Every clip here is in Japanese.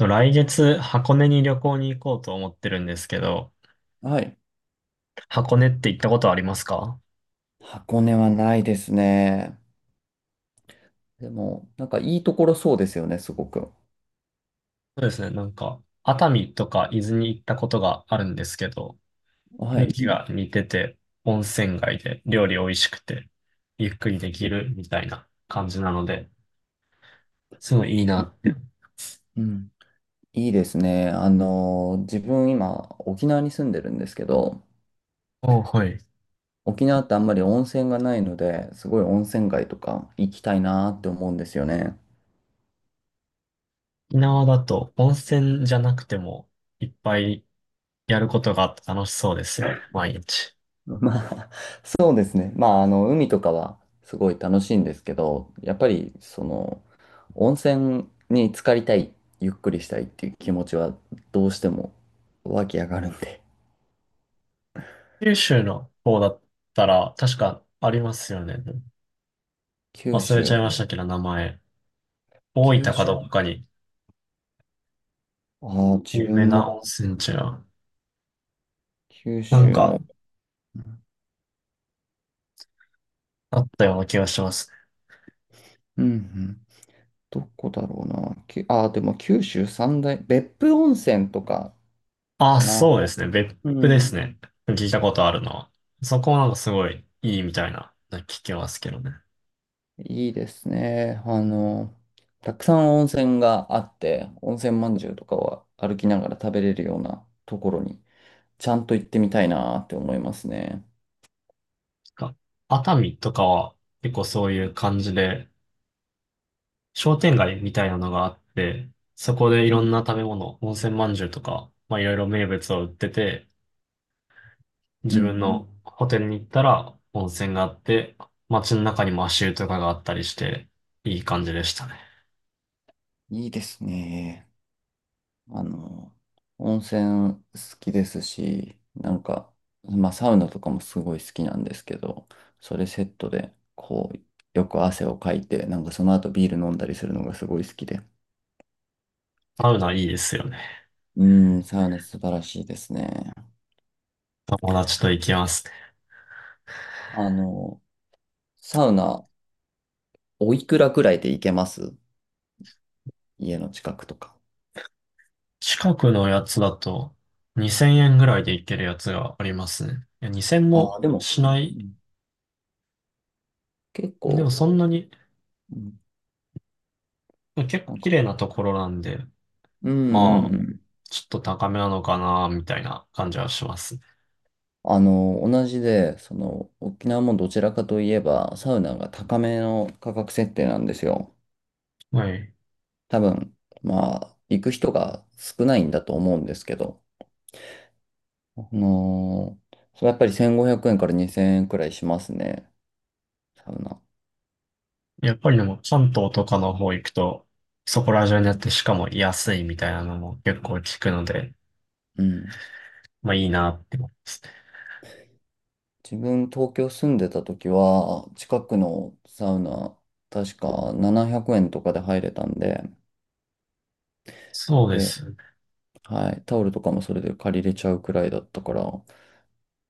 来月、箱根に旅行に行こうと思ってるんですけど、はい。箱根って行ったことありますか？箱根はないですね。でも、なんかいいところそうですよね、すごく。そうですね、なんか、熱海とか伊豆に行ったことがあるんですけど、は雰囲い。気が似てて、温泉街で料理美味しくて、ゆっくりできるみたいな感じなので、すごいいいないって。うん。いいですね。自分今、沖縄に住んでるんですけど、お、はい。沖縄ってあんまり温泉がないので、すごい温泉街とか行きたいなーって思うんですよね。沖縄だと温泉じゃなくてもいっぱいやることがあって楽しそうですよね、毎日。まあ、そうですね。まあ、海とかはすごい楽しいんですけど、やっぱり、その、温泉に浸かりたい、ゆっくりしたいっていう気持ちは、どうしても湧き上がるんで。九州の方だったら確かありますよね。九忘れちゃい州、ましたけど、名前。大九分か州。どっかにああ、自有名分な温も泉地が、九なんん。州かの、うあったような気がします。んうん。どこだろうな。ああ、でも九州三大、別府温泉とかあ、かな。そうですね。別う府ですん。ね。聞いたことあるのは。そこはなんかすごいいいみたいな、聞きますけどね。ないいですね。たくさん温泉があって、温泉まんじゅうとかは歩きながら食べれるようなところに、ちゃんと行ってみたいなって思いますね。んか熱海とかは結構そういう感じで、商店街みたいなのがあって、そこでいうろん、んな食べ物、温泉まんじゅうとか、まあいろいろ名物を売ってて、う自ん、う分ん。のホテルに行ったら温泉があって、街の中にも足湯とかがあったりして、いい感じでしたね。いいですね。あの、温泉好きですし、なんか、まあ、サウナとかもすごい好きなんですけど、それセットで、こう、よく汗をかいて、なんかその後ビール飲んだりするのがすごい好きで。サウナいいですよね。うん、サウナ素晴らしいですね。友達と行きますね。あの、サウナ、おいくらくらいで行けます？家の近くとか。近くのやつだと2000円ぐらいで行けるやつがありますね。いや、2000あもあ、でも、しなうい。ん、結でも構、そんなに、うん、結構なん綺か、麗なところなんで、うんまあ、うんううん、ん。ちょっと高めなのかな、みたいな感じはしますね。同じで、その、沖縄もどちらかといえば、サウナが高めの価格設定なんですよ。はい。多分、まあ、行く人が少ないんだと思うんですけど、それやっぱり1500円から2000円くらいしますね、サウナ。やっぱりでも関東とかの方行くと、そこら中うにあっん。てしかも安いみたいなのも結構聞くので、うん。まあいいなって思いますね。自分東京住んでた時は、近くのサウナ、確か700円とかで入れたんで、そうでで、す。はい、タオルとかもそれで借りれちゃうくらいだったから、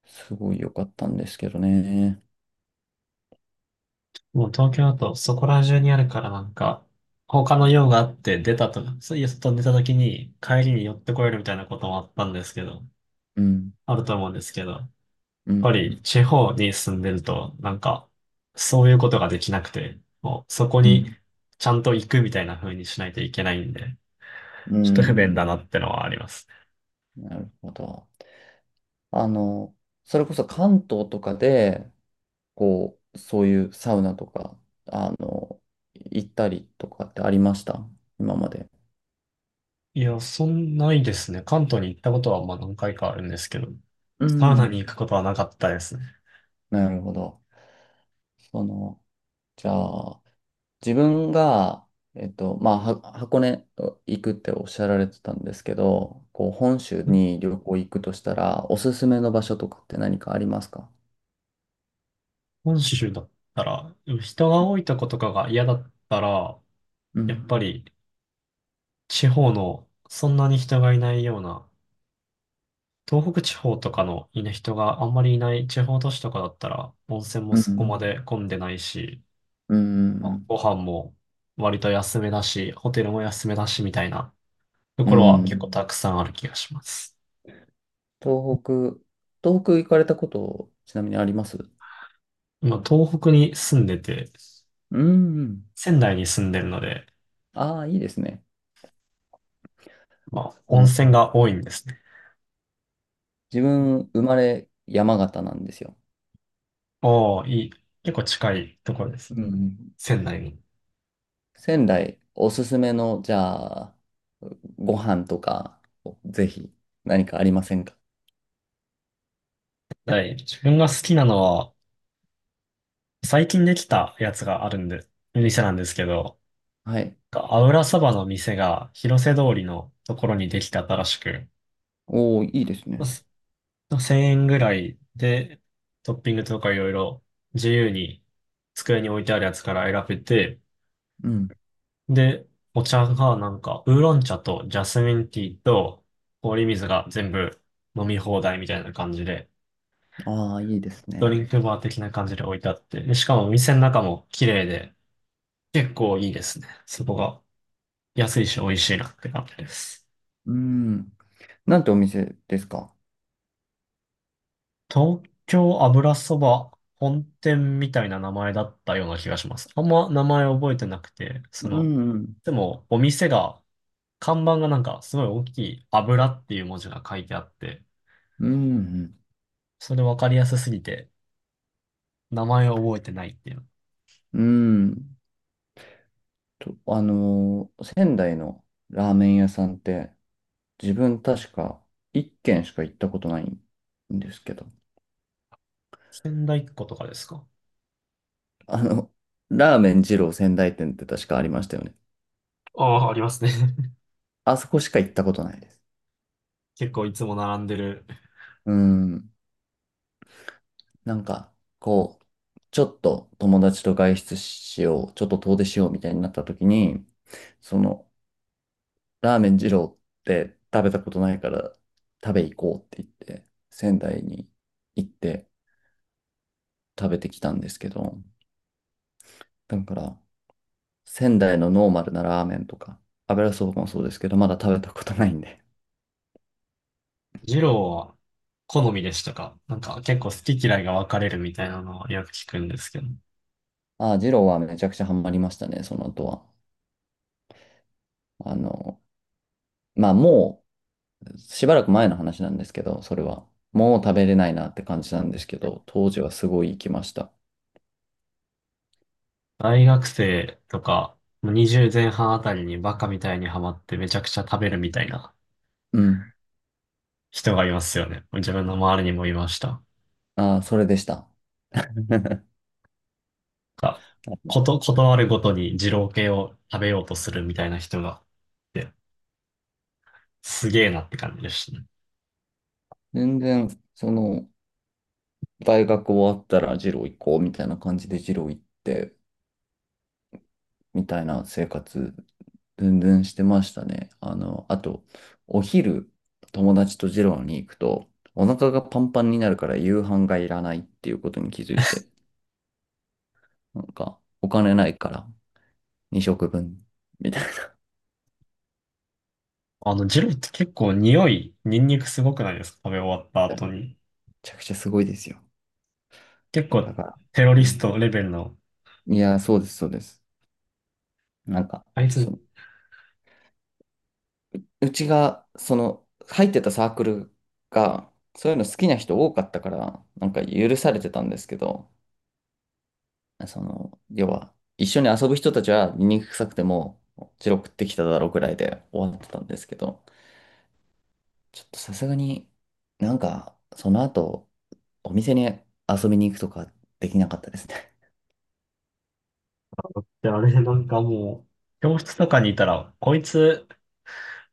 すごい良かったんですけどね。もう東京だとそこら中にあるからなんか、他の用があって出たとか、そういう外に出た時に帰りに寄ってこれるみたいなこともあったんですけど、うん、あると思うんですけど、やっうぱりん、地方に住んでるとなんか、そういうことができなくて、もうそこうにん、ちゃんと行くみたいな風にしないといけないんで、うちょっとん、う不便だん。なってのはあります。なるほど。あの、それこそ関東とかで、こう、そういうサウナとか、あの、行ったりとかってありました？今まで。いや、そんないですね。関東に行ったことはまあ何回かあるんですけど、うサウナにん、行くことはなかったですね。なるほど。その、じゃあ、自分が、まあ、箱根行くっておっしゃられてたんですけど、こう、本州に旅行行くとしたら、おすすめの場所とかって何かありますか？本州だったら、人が多いとことかが嫌だったら、うやっん、ぱり地方のそんなに人がいないような、東北地方とかのいない人があんまりいない地方都市とかだったら、温泉もうそこん、まで混んでないし、うん、うん。ご飯も割と安めだし、ホテルも安めだしみたいなところは結構たくさんある気がします。東北、東北行かれたこと、ちなみにあります？今、東北に住んでて、うん、うん。仙台に住んでるので、ああ、いいですね。まあ、あ温の、泉が多いんですね。自分、生まれ山形なんですよ。おお、いい。結構近いところですうんね。うん。仙台に。仙台おすすめの、じゃあ、ご飯とか、ぜひ何かありませんか？はい。自分が好きなのは、最近できたやつがあるんで、店なんですけど、はい。アウラそばの店が広瀬通りのところにできた新しく、おー、いいですまね。あ1000円ぐらいで、トッピングとかいろいろ自由に机に置いてあるやつから選べて、うん。で、お茶がなんか、ウーロン茶とジャスミンティーと氷水が全部飲み放題みたいな感じで、ああ、いいですドリンね。クバー的な感じで置いてあって、でしかもお店の中も綺麗で、結構いいですね。そこが安いし美味しいなって感じです。うん。なんてお店ですか？東京油そば本店みたいな名前だったような気がします。あんま名前覚えてなくて、うその、んうん。でもお店が、看板がなんかすごい大きい油っていう文字が書いてあって、うん。それ分かりやすすぎて、名前を覚えてないっていう。うん仙台のラーメン屋さんって、自分確か1軒しか行ったことないんですけど、仙台っ子とかですか？あの、ラーメン二郎仙台店って確かありましたよね。ああ、ありますね。あそこしか行ったことないです。結構いつも並んでる。うん。なんか、こう、ちょっと友達と外出しよう、ちょっと遠出しようみたいになった時に、その、ラーメン二郎って食べたことないから食べ行こうって言って、仙台に行って食べてきたんですけど、だから、仙台のノーマルなラーメンとか、油そばもそうですけど、まだ食べたことないんで。二郎は好みでしたか？なんか結構好き嫌いが分かれるみたいなのをよく聞くんですけど。ああ、二郎はめちゃくちゃハマりましたね、その後は。あの、まあもう、しばらく前の話なんですけど、それは。もう食べれないなって感じなんですけど、当時はすごい行きました。大学生とか、二0前半あたりにバカみたいにハマってめちゃくちゃ食べるみたいなうん。人がいますよね。自分の周りにもいました。ああ、それでした。がこと、ことあるごとに二郎系を食べようとするみたいな人がいて、すげえなって感じでしたね。全然、その、大学終わったらジロー行こうみたいな感じでジロー行って、みたいな生活、全然してましたね。あと、お昼、友達とジローに行くと、お腹がパンパンになるから夕飯がいらないっていうことに気づいて、なんか、お金ないから、2食分、みたいジローって結構匂い、ニンニクすごくないですか？食べ終わったな。後に。ちゃくちゃすごいですよ。結構だから、テロうリスん。トレベルの。いや、そうです、そうです。なんか、あいつっその、うちが、その、入ってたサークルが、そういうの好きな人多かったから、なんか許されてたんですけど、その、要は、一緒に遊ぶ人たちは醜臭くても、チロちってきただろうぐらいで終わってたんですけど、ちょっとさすがに、なんか、その後、お店に遊びに行くとかできなかったですね。てあれなんかもう、教室とかにいたら、こいつ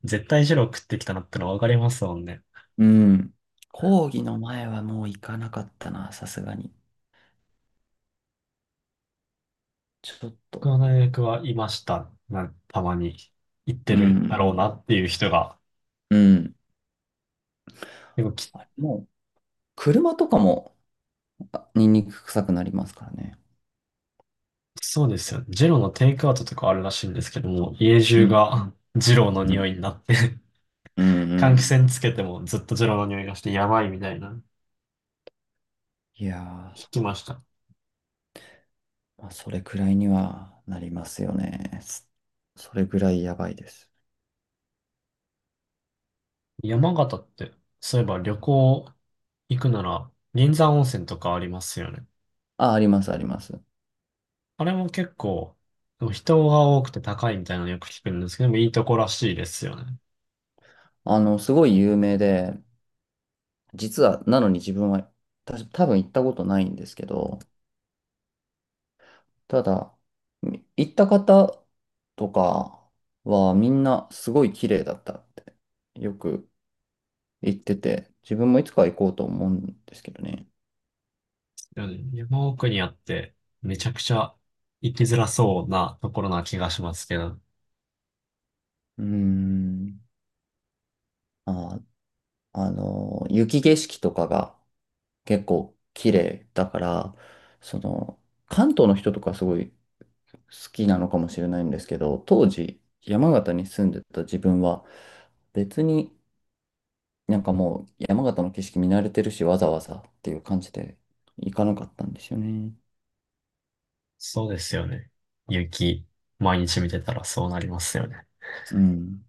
絶対ジロー食ってきたなってのわかりますもんね。うん。講義の前はもう行かなかったな、さすがに。ちょっ僕と、の大学はいました。たまに行ってうるだん、ろうなっていう人が。うん、でもき、あれもう、車とかも、あ、ニンニク臭くなりますからね。そうですよね。ジローのテイクアウトとかあるらしいんですけども、家う中ん、がジローのう匂ん、いになって、うん、う換気ん。扇つけてもずっとジローの匂いがしてやばいみたいな。いやー、聞きました。まあ、それくらいにはなりますよね。それくらいやばいです。山形って、そういえば旅行行くなら、銀山温泉とかありますよね。あ、あります、あります。あれも結構、でも人が多くて高いみたいなのよく聞くんですけど、でもいいとこらしいですよね。すごい有名で、実は、なのに自分は、多分行ったことないんですけど、ただ、行った方とかはみんなすごい綺麗だったってよく行ってて、自分もいつかは行こうと思うんですけどね。山奥にあって、めちゃくちゃ行きづらそうなところな気がしますけど、うーん。あ、雪景色とかが結構綺麗だから、その、関東の人とかすごい好きなのかもしれないんですけど、当時山形に住んでた自分は別に、なんかもう山形の景色見慣れてるし、わざわざっていう感じで行かなかったんですよね。そうですよね。雪、毎日見てたらそうなりますよね。うん。